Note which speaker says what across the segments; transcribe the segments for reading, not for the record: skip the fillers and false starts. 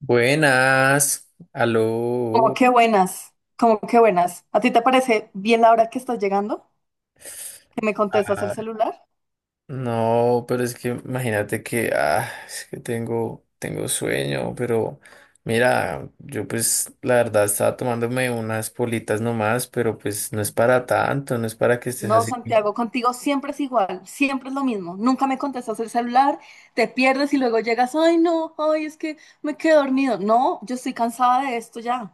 Speaker 1: Buenas,
Speaker 2: Como
Speaker 1: aló.
Speaker 2: que buenas, como que buenas. ¿A ti te parece bien la hora que estás llegando? ¿Que me contestas el
Speaker 1: Ah,
Speaker 2: celular?
Speaker 1: no, pero es que imagínate que, ah, es que tengo sueño, pero mira, yo pues la verdad estaba tomándome unas politas nomás, pero pues no es para tanto, no es para que estés
Speaker 2: No,
Speaker 1: así.
Speaker 2: Santiago, contigo siempre es igual, siempre es lo mismo. Nunca me contestas el celular, te pierdes y luego llegas, ay no, ay es que me quedé dormido. No, yo estoy cansada de esto ya.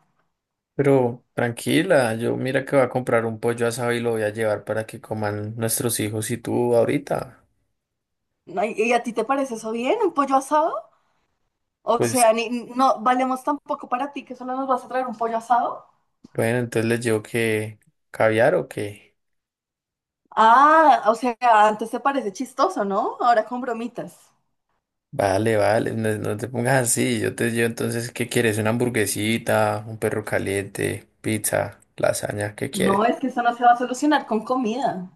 Speaker 1: Pero tranquila, yo mira que voy a comprar un pollo asado y lo voy a llevar para que coman nuestros hijos y tú ahorita.
Speaker 2: Ay, ¿Y a ti te parece eso bien, un pollo asado? O
Speaker 1: Pues
Speaker 2: sea, ni, no valemos tampoco para ti que solo nos vas a traer un pollo asado.
Speaker 1: bueno, entonces les llevo que caviar o qué.
Speaker 2: Ah, o sea, antes te parece chistoso, ¿no? Ahora con bromitas.
Speaker 1: Vale, vale, no, no te pongas así. Yo entonces, ¿qué quieres? ¿Una hamburguesita, un perro caliente, pizza, lasaña? ¿Qué quieres?
Speaker 2: No, es que eso no se va a solucionar con comida.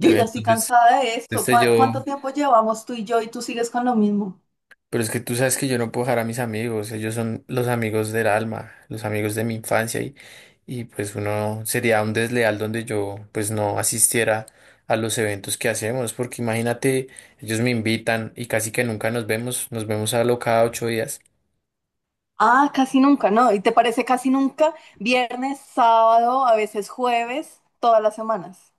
Speaker 2: Yo ya estoy
Speaker 1: entonces,
Speaker 2: cansada de esto.
Speaker 1: este
Speaker 2: ¿Cuá-
Speaker 1: yo,
Speaker 2: ¿Cuánto tiempo llevamos tú y yo y tú sigues con lo mismo?
Speaker 1: pero es que tú sabes que yo no puedo dejar a mis amigos, ellos son los amigos del alma, los amigos de mi infancia y pues uno sería un desleal donde yo pues no asistiera a los eventos que hacemos, porque imagínate, ellos me invitan y casi que nunca nos vemos, nos vemos a lo cada 8 días.
Speaker 2: Ah, casi nunca, ¿no? ¿Y te parece casi nunca? Viernes, sábado, a veces jueves, todas las semanas.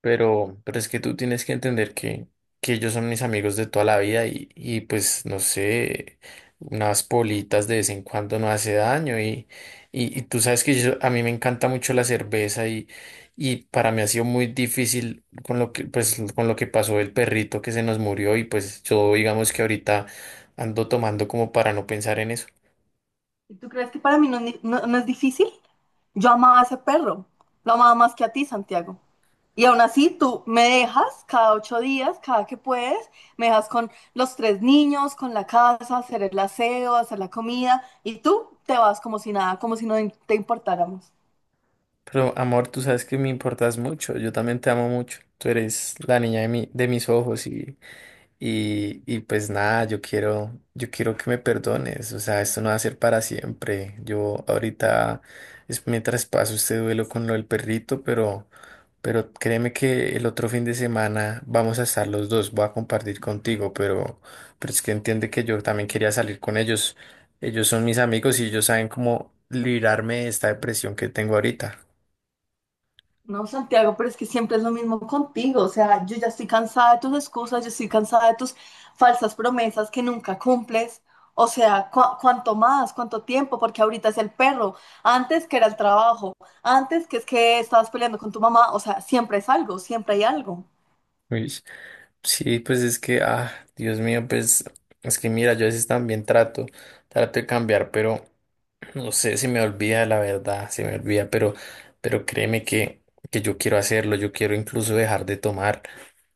Speaker 1: Pero es que tú tienes que entender que ellos son mis amigos de toda la vida y pues no sé, unas politas de vez en cuando no hace daño y tú sabes que yo- a mí me encanta mucho la cerveza y para mí ha sido muy difícil con lo que, pues, con lo que pasó el perrito que se nos murió y pues yo digamos que ahorita ando tomando como para no pensar en eso.
Speaker 2: ¿Y tú crees que para mí no es difícil? Yo amaba a ese perro. Lo amaba más que a ti, Santiago. Y aún así, tú me dejas cada 8 días, cada que puedes, me dejas con los tres niños, con la casa, hacer el aseo, hacer la comida, y tú te vas como si nada, como si no te importáramos.
Speaker 1: Pero amor, tú sabes que me importas mucho, yo también te amo mucho, tú eres la niña de mis ojos. Y pues nada, yo quiero que me perdones, o sea, esto no va a ser para siempre. Yo ahorita es mientras paso este duelo con lo del perrito, pero créeme que el otro fin de semana vamos a estar los dos, voy a compartir contigo, pero es que entiende que yo también quería salir con ellos. Ellos son mis amigos y ellos saben cómo librarme de esta depresión que tengo ahorita.
Speaker 2: No, Santiago, pero es que siempre es lo mismo contigo. O sea, yo ya estoy cansada de tus excusas, yo estoy cansada de tus falsas promesas que nunca cumples. O sea, ¿cuánto más? ¿Cuánto tiempo? Porque ahorita es el perro, antes que era el trabajo, antes que es que estabas peleando con tu mamá. O sea, siempre es algo, siempre hay algo.
Speaker 1: Uy. Sí, pues es que, Dios mío, pues es que mira, yo a veces también trato de cambiar, pero. No sé si me olvida la verdad, se me olvida, pero créeme que yo quiero hacerlo, yo quiero incluso dejar de tomar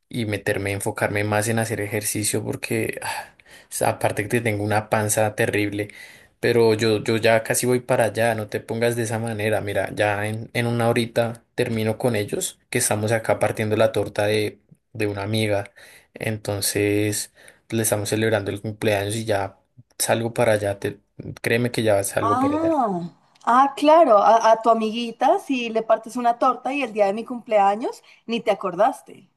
Speaker 1: y meterme, enfocarme más en hacer ejercicio porque aparte que tengo una panza terrible, pero yo ya casi voy para allá, no te pongas de esa manera, mira, ya en una horita termino con ellos, que estamos acá partiendo la torta de una amiga, entonces le estamos celebrando el cumpleaños y ya salgo para allá. Créeme que ya vas algo para allá.
Speaker 2: Ah, ah, claro, a tu amiguita si le partes una torta y el día de mi cumpleaños ni te acordaste.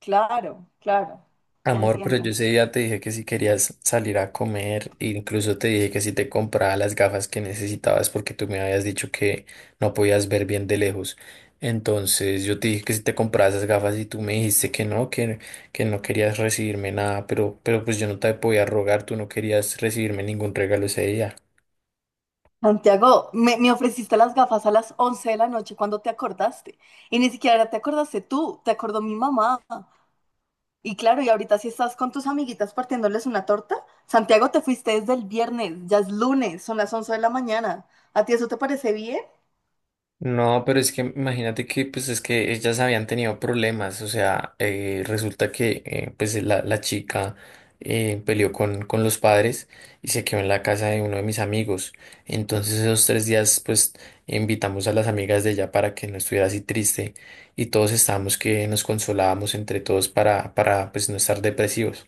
Speaker 2: Claro, claro, ya
Speaker 1: Amor, pero
Speaker 2: entiendo.
Speaker 1: yo ese día te dije que si querías salir a comer, e incluso te dije que si te compraba las gafas que necesitabas porque tú me habías dicho que no podías ver bien de lejos. Entonces yo te dije que si te compraba esas gafas y tú me dijiste que no, que no querías recibirme nada, pero pues yo no te podía rogar, tú no querías recibirme ningún regalo ese día.
Speaker 2: Santiago, me ofreciste las gafas a las 11 de la noche cuando te acordaste. Y ni siquiera te acordaste tú, te acordó mi mamá. Y claro, y ahorita si estás con tus amiguitas partiéndoles una torta, Santiago, te fuiste desde el viernes, ya es lunes, son las 11 de la mañana. ¿A ti eso te parece bien?
Speaker 1: No, pero es que imagínate que pues es que ellas habían tenido problemas, o sea, resulta que pues la chica peleó con los padres y se quedó en la casa de uno de mis amigos. Entonces esos 3 días pues invitamos a las amigas de ella para que no estuviera así triste y todos estábamos que nos consolábamos entre todos para pues no estar depresivos.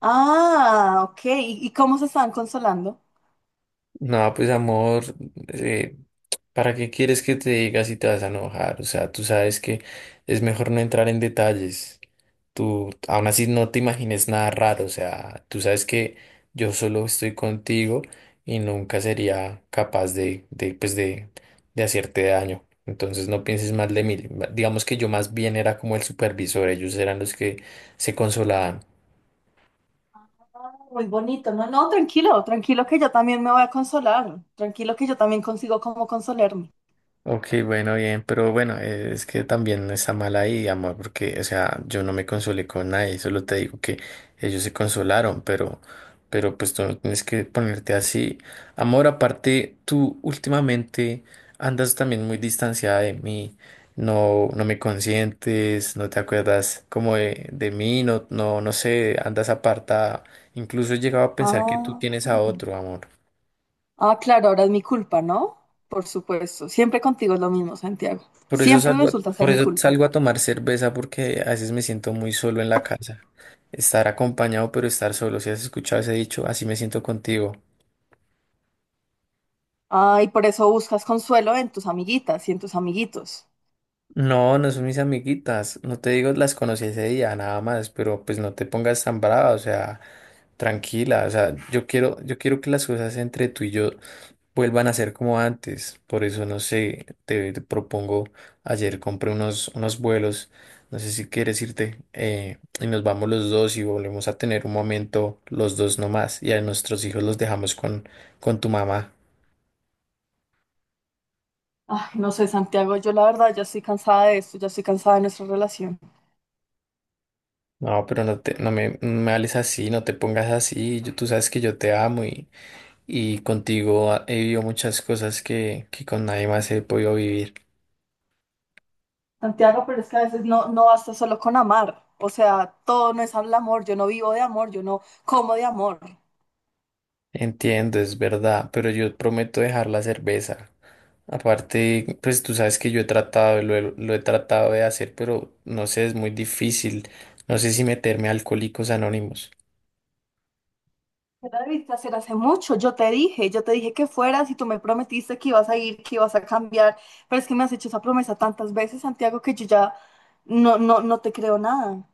Speaker 2: Ah, ok. Y cómo se estaban consolando?
Speaker 1: No, pues amor, eh, ¿para qué quieres que te diga si te vas a enojar? O sea, tú sabes que es mejor no entrar en detalles. Tú aún así no te imagines nada raro, o sea, tú sabes que yo solo estoy contigo y nunca sería capaz de hacerte daño. Entonces no pienses mal de mí. Digamos que yo más bien era como el supervisor, ellos eran los que se consolaban.
Speaker 2: Muy bonito, no, no, tranquilo, tranquilo que yo también me voy a consolar, tranquilo que yo también consigo cómo consolarme.
Speaker 1: Ok, bueno, bien, pero bueno, es que también no está mal ahí, amor, porque, o sea, yo no me consolé con nadie, solo te digo que ellos se consolaron, pero pues tú no tienes que ponerte así. Amor, aparte, tú últimamente andas también muy distanciada de mí, no, no me consientes, no te acuerdas como de mí, no, no, no sé, andas apartada, incluso he llegado a pensar que tú
Speaker 2: Ah,
Speaker 1: tienes a otro, amor.
Speaker 2: ah, claro, ahora es mi culpa, ¿no? Por supuesto, siempre contigo es lo mismo, Santiago,
Speaker 1: Por eso
Speaker 2: siempre
Speaker 1: salgo,
Speaker 2: resulta ser
Speaker 1: por
Speaker 2: mi
Speaker 1: eso
Speaker 2: culpa.
Speaker 1: salgo a tomar cerveza porque a veces me siento muy solo en la casa. Estar acompañado, pero estar solo. Si has escuchado ese dicho, así me siento contigo.
Speaker 2: Ah, y por eso buscas consuelo en tus amiguitas y en tus amiguitos.
Speaker 1: No, no son mis amiguitas. No te digo, las conocí ese día, nada más, pero pues no te pongas tan brava, o sea, tranquila. O sea, yo quiero que las cosas entre tú y yo vuelvan a ser como antes. Por eso, no sé, te propongo, ayer compré unos vuelos, no sé si quieres irte, y nos vamos los dos y volvemos a tener un momento los dos nomás, y a nuestros hijos los dejamos con tu mamá.
Speaker 2: Ay, no sé, Santiago, yo la verdad ya estoy cansada de esto, ya estoy cansada de nuestra relación.
Speaker 1: No, pero no me hables así, no te pongas así. Yo, tú sabes que yo te amo y contigo he vivido muchas cosas que con nadie más he podido vivir.
Speaker 2: Santiago, pero es que a veces no basta solo con amar, o sea, todo no es el amor, yo no vivo de amor, yo no como de amor.
Speaker 1: Entiendo, es verdad, pero yo prometo dejar la cerveza. Aparte, pues tú sabes que yo he tratado, lo he tratado de hacer, pero no sé, es muy difícil. No sé si meterme a Alcohólicos Anónimos.
Speaker 2: Yo la debiste hacer hace mucho, yo te dije que fueras y tú me prometiste que ibas a ir, que ibas a cambiar, pero es que me has hecho esa promesa tantas veces, Santiago, que yo ya no te creo nada.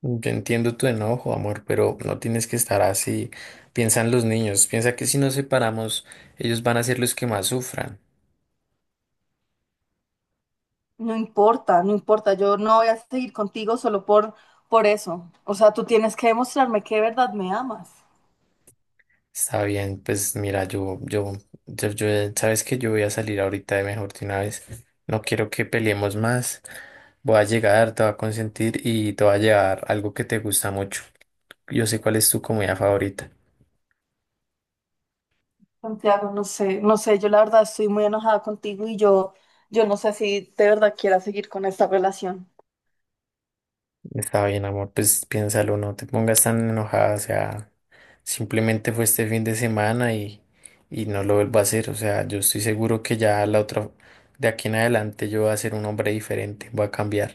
Speaker 1: Yo entiendo tu enojo, amor, pero no tienes que estar así. Piensan los niños, piensa que si nos separamos, ellos van a ser los que más sufran.
Speaker 2: No importa, no importa, yo no voy a seguir contigo solo por eso. O sea, tú tienes que demostrarme que de verdad me amas.
Speaker 1: Está bien, pues mira, sabes que yo voy a salir ahorita de mejor de una vez. No quiero que peleemos más. Voy a llegar, te va a consentir y te va a llevar algo que te gusta mucho. Yo sé cuál es tu comida favorita.
Speaker 2: Santiago, no sé, no sé, yo la verdad estoy muy enojada contigo y yo no sé si de verdad quiera seguir con esta relación.
Speaker 1: Está bien, amor, pues piénsalo, no te pongas tan enojada, o sea, simplemente fue este fin de semana y no lo vuelvo a hacer, o sea, yo estoy seguro que ya la otra, de aquí en adelante yo voy a ser un hombre diferente, voy a cambiar.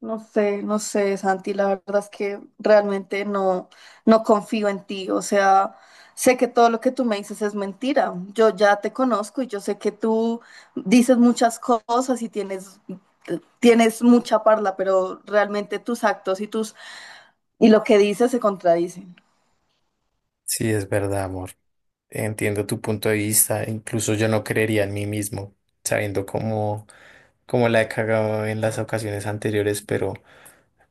Speaker 2: No sé, no sé, Santi, la verdad es que realmente no confío en ti. O sea, sé que todo lo que tú me dices es mentira. Yo ya te conozco y yo sé que tú dices muchas cosas y tienes mucha parla, pero realmente tus actos y lo que dices se contradicen.
Speaker 1: Sí, es verdad, amor, entiendo tu punto de vista, incluso yo no creería en mí mismo, sabiendo cómo la he cagado en las ocasiones anteriores,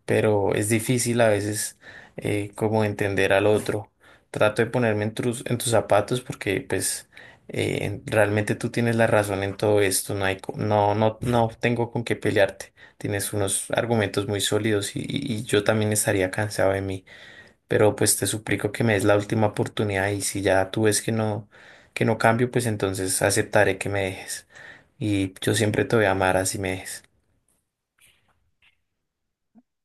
Speaker 1: pero es difícil a veces como entender al otro. Trato de ponerme en tus zapatos porque pues realmente tú tienes la razón en todo esto, no hay, no, no, no tengo con qué pelearte. Tienes unos argumentos muy sólidos y yo también estaría cansado de mí, pero pues te suplico que me des la última oportunidad y si ya tú ves que no cambio, pues entonces aceptaré que me dejes. Y yo siempre te voy a amar así me dejes.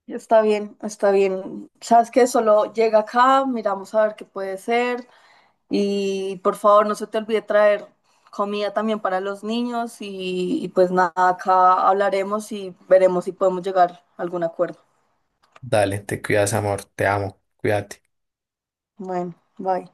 Speaker 2: Está bien, está bien. Sabes que solo llega acá, miramos a ver qué puede ser. Y por favor, no se te olvide traer comida también para los niños y pues nada, acá hablaremos y veremos si podemos llegar a algún acuerdo.
Speaker 1: Dale, te cuidas, amor, te amo, cuídate.
Speaker 2: Bueno, bye.